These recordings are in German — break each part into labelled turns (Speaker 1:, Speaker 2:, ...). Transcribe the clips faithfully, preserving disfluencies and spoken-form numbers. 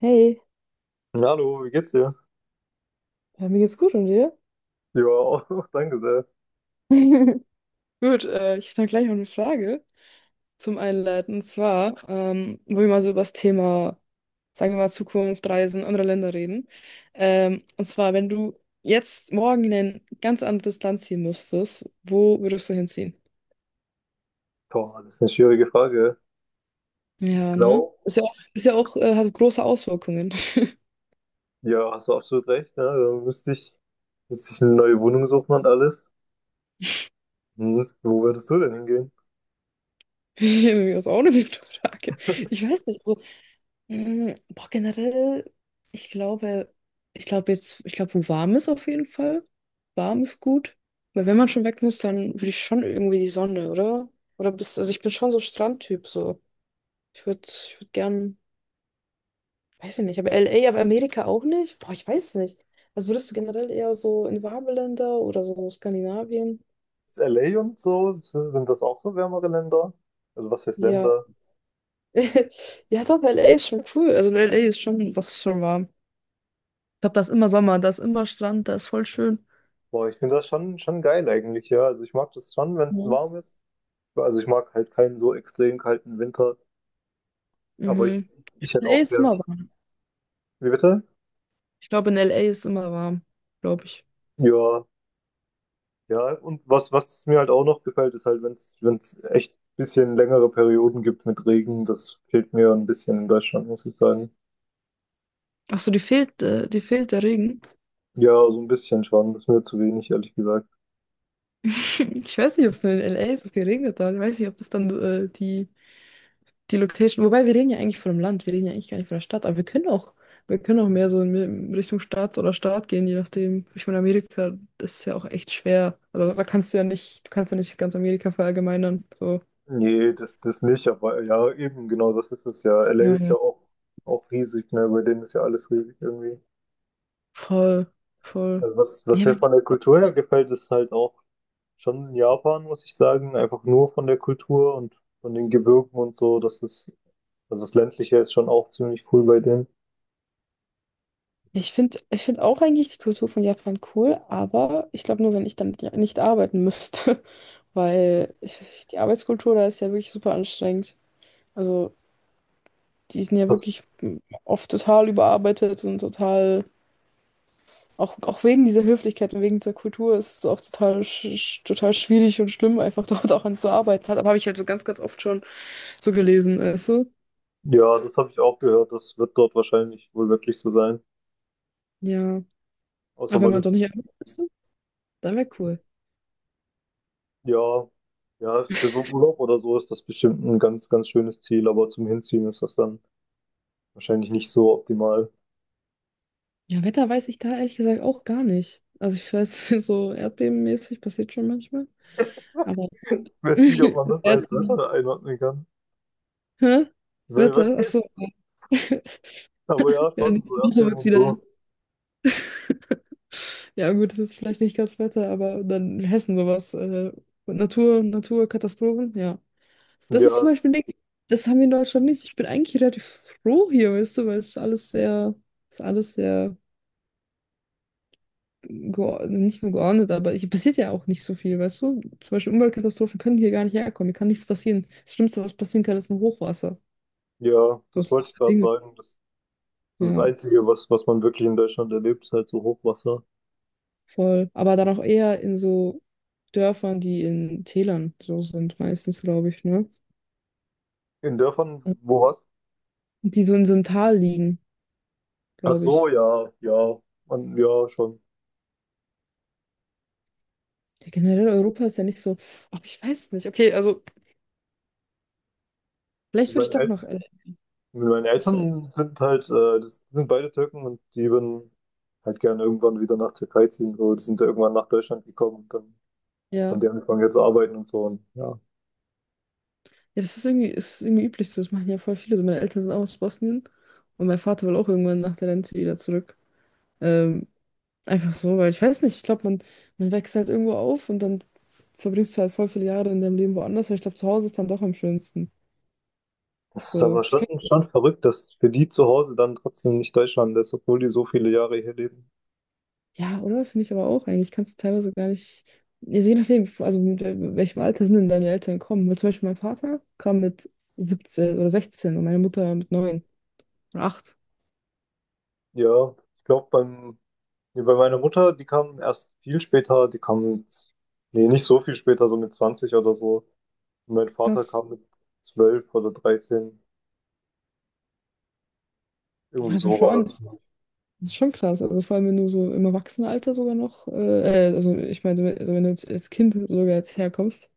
Speaker 1: Hey,
Speaker 2: Na, Hallo, wie geht's dir?
Speaker 1: ja, mir geht's gut und dir?
Speaker 2: Ja, auch danke sehr.
Speaker 1: Gut, äh, ich hätte dann gleich noch eine Frage zum Einleiten. Und zwar, ähm, wo wir mal so über das Thema, sagen wir mal, Zukunft, Reisen, andere Länder reden. Ähm, und zwar, wenn du jetzt morgen in ein ganz anderes Land ziehen müsstest, wo würdest du hinziehen?
Speaker 2: Boah, das ist eine schwierige Frage. Ich
Speaker 1: Ja, ne?
Speaker 2: glaube,
Speaker 1: Ist ja auch, ist ja auch äh, hat große Auswirkungen.
Speaker 2: ja, hast du absolut recht. Ne? Da müsste ich, müsste ich eine neue Wohnung suchen und alles. Hm. Wo würdest du denn hingehen?
Speaker 1: Das ist auch eine gute Frage. Ich weiß nicht, also Mm, boah, generell, ich glaube, ich glaube jetzt, ich glaube, wo warm ist auf jeden Fall. Warm ist gut. Weil wenn man schon weg muss, dann würde ich schon irgendwie die Sonne, oder? Oder bist, also ich bin schon so Strandtyp, so. Ich würde, ich würde gern, weiß ich nicht, aber L A, aber Amerika auch nicht? Boah, ich weiß nicht. Also würdest du generell eher so in warme Länder oder so Skandinavien?
Speaker 2: Ist L A und so, sind sind das auch so wärmere Länder? Also was heißt
Speaker 1: Ja.
Speaker 2: Länder?
Speaker 1: Ja, doch, L A ist schon cool. Also L A ist schon, doch, ist schon warm. Ich glaube, da ist immer Sommer, da ist immer Strand, da ist voll schön.
Speaker 2: Boah, ich finde das schon, schon geil eigentlich, ja. Also ich mag das schon, wenn es
Speaker 1: Ja.
Speaker 2: warm ist. Also ich mag halt keinen so extrem kalten Winter, aber ich,
Speaker 1: Mhm.
Speaker 2: ich hätte
Speaker 1: L A
Speaker 2: auch
Speaker 1: ist
Speaker 2: gern.
Speaker 1: immer warm.
Speaker 2: Wie bitte?
Speaker 1: Ich glaube, in L A ist immer warm, glaube ich.
Speaker 2: Ja, ja, und was, was mir halt auch noch gefällt, ist halt, wenn es, wenn es echt ein bisschen längere Perioden gibt mit Regen, das fehlt mir ein bisschen in Deutschland, muss ich sagen.
Speaker 1: Ach so, die fehlt, äh, die fehlt der Regen.
Speaker 2: Ja, so ein bisschen schon, das ist mir zu wenig, ehrlich gesagt.
Speaker 1: Ich weiß nicht, ob es in L A so viel regnet hat. Ich weiß nicht, ob das dann äh, die, die Location. Wobei, wir reden ja eigentlich von dem Land, wir reden ja eigentlich gar nicht von der Stadt, aber wir können auch, wir können auch mehr so in in Richtung Stadt oder Staat gehen, je nachdem. Ich meine, Amerika, das ist ja auch echt schwer. Also da kannst du ja nicht, du kannst ja nicht ganz Amerika verallgemeinern. So.
Speaker 2: Nee, das, das nicht, aber ja, eben, genau, das ist es ja. L A
Speaker 1: Ja,
Speaker 2: ist
Speaker 1: ja.
Speaker 2: ja auch, auch riesig, ne, bei denen ist ja alles riesig irgendwie.
Speaker 1: Voll, voll.
Speaker 2: Also was,
Speaker 1: Ja,
Speaker 2: was
Speaker 1: aber
Speaker 2: mir von der Kultur her gefällt, ist halt auch schon Japan, muss ich sagen, einfach nur von der Kultur und von den Gebirgen und so, das ist, also das Ländliche ist schon auch ziemlich cool bei denen.
Speaker 1: Ich finde, ich finde auch eigentlich die Kultur von Japan cool, aber ich glaube nur, wenn ich damit ja nicht arbeiten müsste, weil ich, die Arbeitskultur da ist ja wirklich super anstrengend. Also die sind ja
Speaker 2: Was,
Speaker 1: wirklich oft total überarbeitet und total, auch, auch wegen dieser Höflichkeit und wegen dieser Kultur ist es auch total, sch sch- total schwierig und schlimm, einfach dort auch an zu arbeiten. Hat, aber habe ich halt so ganz, ganz oft schon so gelesen, weißt du?
Speaker 2: Ja, das habe ich auch gehört. Das wird dort wahrscheinlich wohl wirklich so sein.
Speaker 1: Ja,
Speaker 2: Außer
Speaker 1: aber wenn
Speaker 2: man
Speaker 1: man
Speaker 2: ist,
Speaker 1: doch nicht arbeiten müsste, dann wäre cool.
Speaker 2: ja, ja, für so Urlaub oder so ist das bestimmt ein ganz, ganz schönes Ziel, aber zum Hinziehen ist das dann wahrscheinlich nicht so optimal.
Speaker 1: Ja, Wetter weiß ich da ehrlich gesagt auch gar nicht. Also ich weiß, so erdbebenmäßig passiert schon manchmal. Aber
Speaker 2: Ich weiß nicht, ob man das als
Speaker 1: Erdbeben.
Speaker 2: Wetter einordnen kann.
Speaker 1: Hä?
Speaker 2: Wer
Speaker 1: Wetter?
Speaker 2: weiß.
Speaker 1: Achso.
Speaker 2: Aber ja,
Speaker 1: Ja,
Speaker 2: schon, so
Speaker 1: nächste Woche
Speaker 2: Erdbeben
Speaker 1: wird's
Speaker 2: und
Speaker 1: wieder.
Speaker 2: so.
Speaker 1: Ja, gut, das ist vielleicht nicht ganz Wetter, aber dann in Hessen sowas. Äh, Natur, Naturkatastrophen, ja. Das ist zum
Speaker 2: Ja,
Speaker 1: Beispiel nicht, das haben wir in Deutschland nicht. Ich bin eigentlich relativ froh hier, weißt du, weil es ist alles sehr, es ist alles sehr geo- nicht nur geordnet, aber hier passiert ja auch nicht so viel, weißt du? Zum Beispiel Umweltkatastrophen können hier gar nicht herkommen, hier kann nichts passieren. Das Schlimmste, was passieren kann, ist ein Hochwasser.
Speaker 2: ja,
Speaker 1: Und
Speaker 2: das
Speaker 1: so
Speaker 2: wollte ich gerade
Speaker 1: Dinge.
Speaker 2: sagen. Das, das ist das
Speaker 1: Ja,
Speaker 2: Einzige, was, was man wirklich in Deutschland erlebt, ist halt so Hochwasser.
Speaker 1: voll. Aber dann auch eher in so Dörfern, die in Tälern so sind, meistens, glaube ich, ne?
Speaker 2: In
Speaker 1: Also,
Speaker 2: Dörfern, wo was?
Speaker 1: die so in so einem Tal liegen,
Speaker 2: Ach
Speaker 1: glaube
Speaker 2: so,
Speaker 1: ich.
Speaker 2: ja, ja, man, ja, schon.
Speaker 1: Ja, generell Europa ist ja nicht so, ach, ich weiß nicht. Okay, also vielleicht würde
Speaker 2: Bei
Speaker 1: ich doch noch, L A.
Speaker 2: Meine
Speaker 1: ich, weiß-
Speaker 2: Eltern sind halt, äh, das sind beide Türken und die würden halt gerne irgendwann wieder nach Türkei ziehen. So, die sind ja irgendwann nach Deutschland gekommen und dann
Speaker 1: ja.
Speaker 2: haben die angefangen jetzt zu arbeiten und so. Und ja,
Speaker 1: Ja, das ist irgendwie, ist irgendwie üblich so. Das machen ja voll viele. So, meine Eltern sind auch aus Bosnien und mein Vater will auch irgendwann nach der Rente wieder zurück. Ähm, einfach so, weil ich weiß nicht, ich glaube, man, man wächst halt irgendwo auf und dann verbringst du halt voll viele Jahre in deinem Leben woanders, aber ich glaube, zu Hause ist dann doch am schönsten.
Speaker 2: das ist
Speaker 1: So,
Speaker 2: aber
Speaker 1: ich
Speaker 2: schon,
Speaker 1: könnte,
Speaker 2: schon verrückt, dass für die zu Hause dann trotzdem nicht Deutschland ist, obwohl die so viele Jahre hier leben.
Speaker 1: ja, oder? Finde ich aber auch eigentlich. Kannst du teilweise gar nicht, also je nachdem, also mit wel- welchem Alter sind denn deine Eltern gekommen? Weil zum Beispiel mein Vater kam mit siebzehn oder sechzehn und meine Mutter mit neun oder acht.
Speaker 2: Ja, ich glaube, beim, nee, bei meiner Mutter, die kam erst viel später, die kam mit, nee, nicht so viel später, so mit zwanzig oder so. Und mein Vater
Speaker 1: Krass.
Speaker 2: kam mit zwölf oder dreizehn. Irgendwie
Speaker 1: Ja,
Speaker 2: so war
Speaker 1: schon.
Speaker 2: das.
Speaker 1: Das ist schon krass. Also vor allem, wenn du so im Erwachsenenalter sogar noch, äh, äh, also ich meine, wenn- also wenn du jetzt als Kind sogar jetzt herkommst,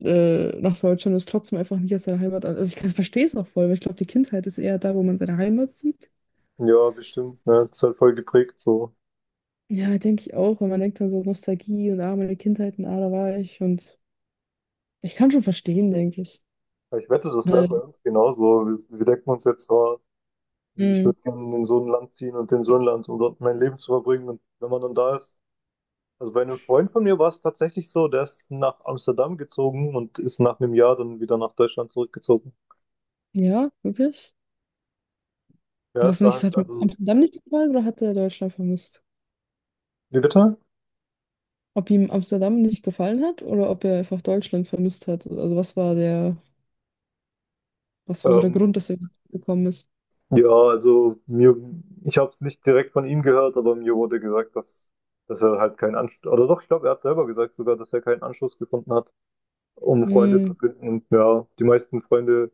Speaker 1: äh, nach Deutschland, ist trotzdem einfach nicht aus deiner Heimat an. Also ich kann, verstehe es auch voll, weil ich glaube, die Kindheit ist eher da, wo man seine Heimat sieht.
Speaker 2: Ja, bestimmt, ne? Das ist halt voll geprägt so.
Speaker 1: Ja, denke ich auch, weil man denkt dann so Nostalgie und ah, meine Kindheit und ah, da war ich. Und ich kann schon verstehen, denke ich.
Speaker 2: Aber ich wette, das wäre
Speaker 1: Weil,
Speaker 2: bei uns genauso. Wir, wir denken uns jetzt, oh, ich
Speaker 1: mh,
Speaker 2: würde gerne in so ein Land ziehen und in so ein Land, um dort mein Leben zu verbringen. Und wenn man dann da ist, also bei einem Freund von mir war es tatsächlich so, der ist nach Amsterdam gezogen und ist nach einem Jahr dann wieder nach Deutschland zurückgezogen.
Speaker 1: ja, wirklich.
Speaker 2: Ja,
Speaker 1: Was
Speaker 2: da
Speaker 1: nicht, es
Speaker 2: halt,
Speaker 1: hat mir
Speaker 2: also,
Speaker 1: Amsterdam nicht gefallen oder hat er Deutschland vermisst?
Speaker 2: wie bitte?
Speaker 1: Ob ihm Amsterdam nicht gefallen hat oder ob er einfach Deutschland vermisst hat? Also was war der. Was war so der
Speaker 2: Ähm,
Speaker 1: Grund, dass er gekommen ist?
Speaker 2: ja, also mir, ich habe es nicht direkt von ihm gehört, aber mir wurde gesagt, dass, dass er halt keinen Anschluss, oder doch, ich glaube, er hat selber gesagt sogar, dass er keinen Anschluss gefunden hat. Um Freunde zu
Speaker 1: Mm,
Speaker 2: finden. Und ja, die meisten Freunde,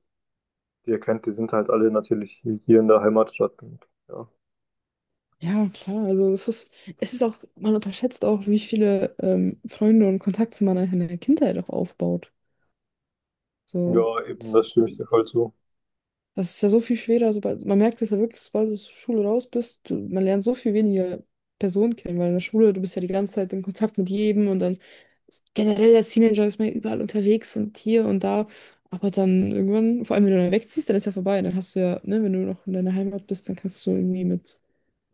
Speaker 2: die ihr kennt, die sind halt alle natürlich hier in der Heimatstadt. Und ja,
Speaker 1: ja, klar. Also es ist, es ist auch, man unterschätzt auch, wie viele ähm, Freunde und Kontakte man in der Kindheit auch aufbaut. So,
Speaker 2: ja, eben,
Speaker 1: das,
Speaker 2: das stimme ich dir voll zu.
Speaker 1: das ist ja so viel schwerer. Sobald, man merkt es ja wirklich, sobald du aus der Schule raus bist, du, man lernt so viel weniger Personen kennen, weil in der Schule, du bist ja die ganze Zeit in Kontakt mit jedem und dann generell als Teenager ist man ja überall unterwegs und hier und da. Aber dann irgendwann, vor allem wenn du dann wegziehst, dann ist ja vorbei. Dann hast du ja, ne, wenn du noch in deiner Heimat bist, dann kannst du irgendwie mit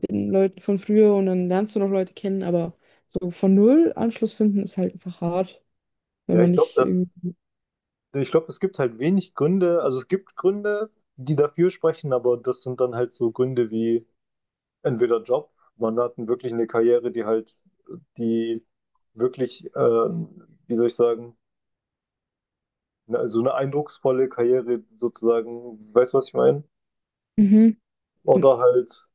Speaker 1: den Leuten von früher und dann lernst du noch Leute kennen, aber so von null Anschluss finden ist halt einfach hart, wenn
Speaker 2: Ja,
Speaker 1: man
Speaker 2: ich
Speaker 1: nicht
Speaker 2: glaube,
Speaker 1: irgendwie.
Speaker 2: ich glaube, es gibt halt wenig Gründe, also es gibt Gründe, die dafür sprechen, aber das sind dann halt so Gründe wie entweder Job, man hat wirklich eine Karriere, die halt, die wirklich, ähm, wie soll ich sagen, na, so eine eindrucksvolle Karriere sozusagen, weißt du, was ich meine?
Speaker 1: Mhm.
Speaker 2: Oder halt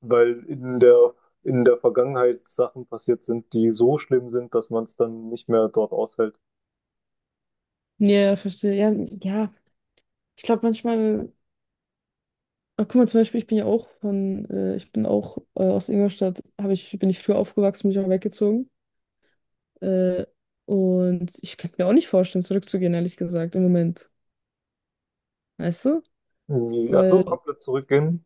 Speaker 2: weil in der, in der Vergangenheit Sachen passiert sind, die so schlimm sind, dass man es dann nicht mehr dort aushält.
Speaker 1: Ja, verstehe. Ja, ja. Ich glaube manchmal, ah, guck mal, zum Beispiel, ich bin ja auch von, äh, ich bin auch äh, aus Ingolstadt, habe ich, bin ich früher aufgewachsen, bin ich auch weggezogen. Äh, und ich könnte mir auch nicht vorstellen, zurückzugehen, ehrlich gesagt, im Moment. Weißt du?
Speaker 2: Irgendwie, Ach
Speaker 1: Weil
Speaker 2: so, komplett zurückgehen.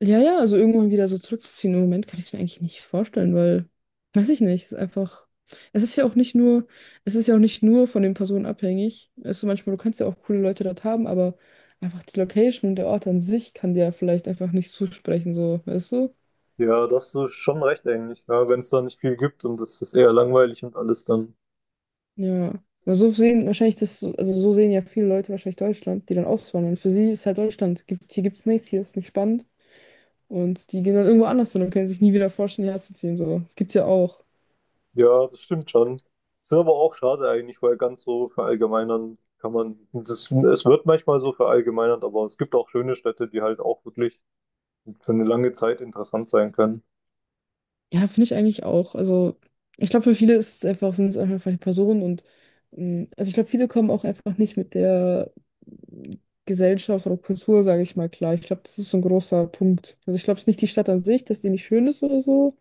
Speaker 1: ja, ja, also irgendwann wieder so zurückzuziehen. Im Moment kann ich es mir eigentlich nicht vorstellen, weil, weiß ich nicht, es ist einfach, es ist ja auch nicht nur, es ist ja auch nicht nur von den Personen abhängig. Also manchmal, du kannst ja auch coole Leute dort haben, aber einfach die Location und der Ort an sich kann dir ja vielleicht einfach nicht zusprechen, so, weißt du?
Speaker 2: Ja, das ist schon recht eigentlich. Ja, wenn es da nicht viel gibt und es ist eher langweilig und alles, dann
Speaker 1: Ja. Aber so sehen wahrscheinlich das, so- also so sehen ja viele Leute wahrscheinlich Deutschland, die dann auswandern. Für sie ist halt Deutschland, gibt, hier gibt's nichts, hier ist nicht spannend. Und die gehen dann irgendwo anders hin und können sich nie wieder vorstellen, hierher zu ziehen, so. Das gibt's ja auch.
Speaker 2: ja, das stimmt schon. Ist aber auch schade eigentlich, weil ganz so verallgemeinern kann man, das, es wird manchmal so verallgemeinert, aber es gibt auch schöne Städte, die halt auch wirklich für eine lange Zeit interessant sein können.
Speaker 1: Ja, finde ich eigentlich auch. Also, ich glaube, für viele ist es einfach, sind es einfach die Personen und ähm, also ich glaube, viele kommen auch einfach nicht mit der Gesellschaft oder Kultur, sage ich mal, klar. Ich glaube, das ist so ein großer Punkt. Also ich glaube, es ist nicht die Stadt an sich, dass die nicht schön ist oder so.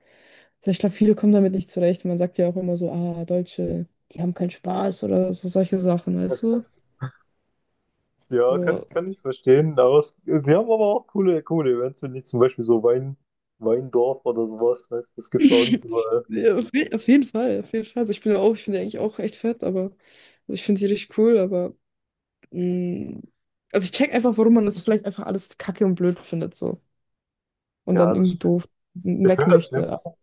Speaker 1: Sondern ich glaube, viele kommen damit nicht zurecht. Man sagt ja auch immer so, ah, Deutsche, die haben keinen Spaß oder so solche Sachen, weißt du?
Speaker 2: Ja, kann
Speaker 1: So.
Speaker 2: ich, kann ich verstehen. Aber es, sie haben aber auch coole, coole Events, wenn nicht zum Beispiel so Wein, Weindorf oder sowas, weißt, das gibt's auch nicht überall.
Speaker 1: Ja, auf je- auf jeden Fall, auf jeden Fall. Also ich bin ja auch, ich bin ja eigentlich auch echt fett, aber also ich finde die richtig cool, aber. Mm, also ich check einfach, warum man das vielleicht einfach alles kacke und blöd findet so und
Speaker 2: Ja,
Speaker 1: dann
Speaker 2: das,
Speaker 1: irgendwie doof
Speaker 2: ich
Speaker 1: weg
Speaker 2: finde das
Speaker 1: möchte.
Speaker 2: Schlimmste.
Speaker 1: Aber-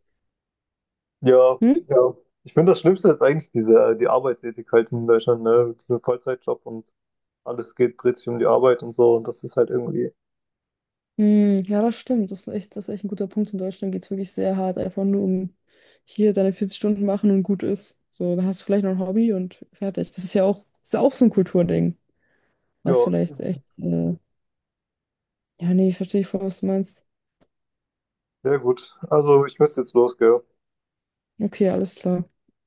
Speaker 2: Ja,
Speaker 1: Hm?
Speaker 2: ja. Ich finde das Schlimmste ist eigentlich diese, die Arbeitsethik halt in Deutschland, ne? Dieser Vollzeitjob und alles geht, dreht sich um die Arbeit und so. Und das ist halt irgendwie,
Speaker 1: Hm, ja, das stimmt. Das ist echt, das ist echt ein guter Punkt. In Deutschland geht es wirklich sehr hart, einfach nur um hier deine vierzig Stunden machen und gut ist. So, dann hast du vielleicht noch ein Hobby und fertig. Das ist ja auch, das ist ja auch so ein Kulturding,
Speaker 2: ja,
Speaker 1: was vielleicht echt. Äh, ja, nee, verstehe ich voll, was du meinst.
Speaker 2: sehr gut. Also, ich müsste jetzt los, gell?
Speaker 1: Okay, alles klar.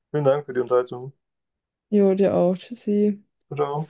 Speaker 2: Vielen Dank für die Unterhaltung.
Speaker 1: Jo, dir auch. Tschüssi.
Speaker 2: Ciao.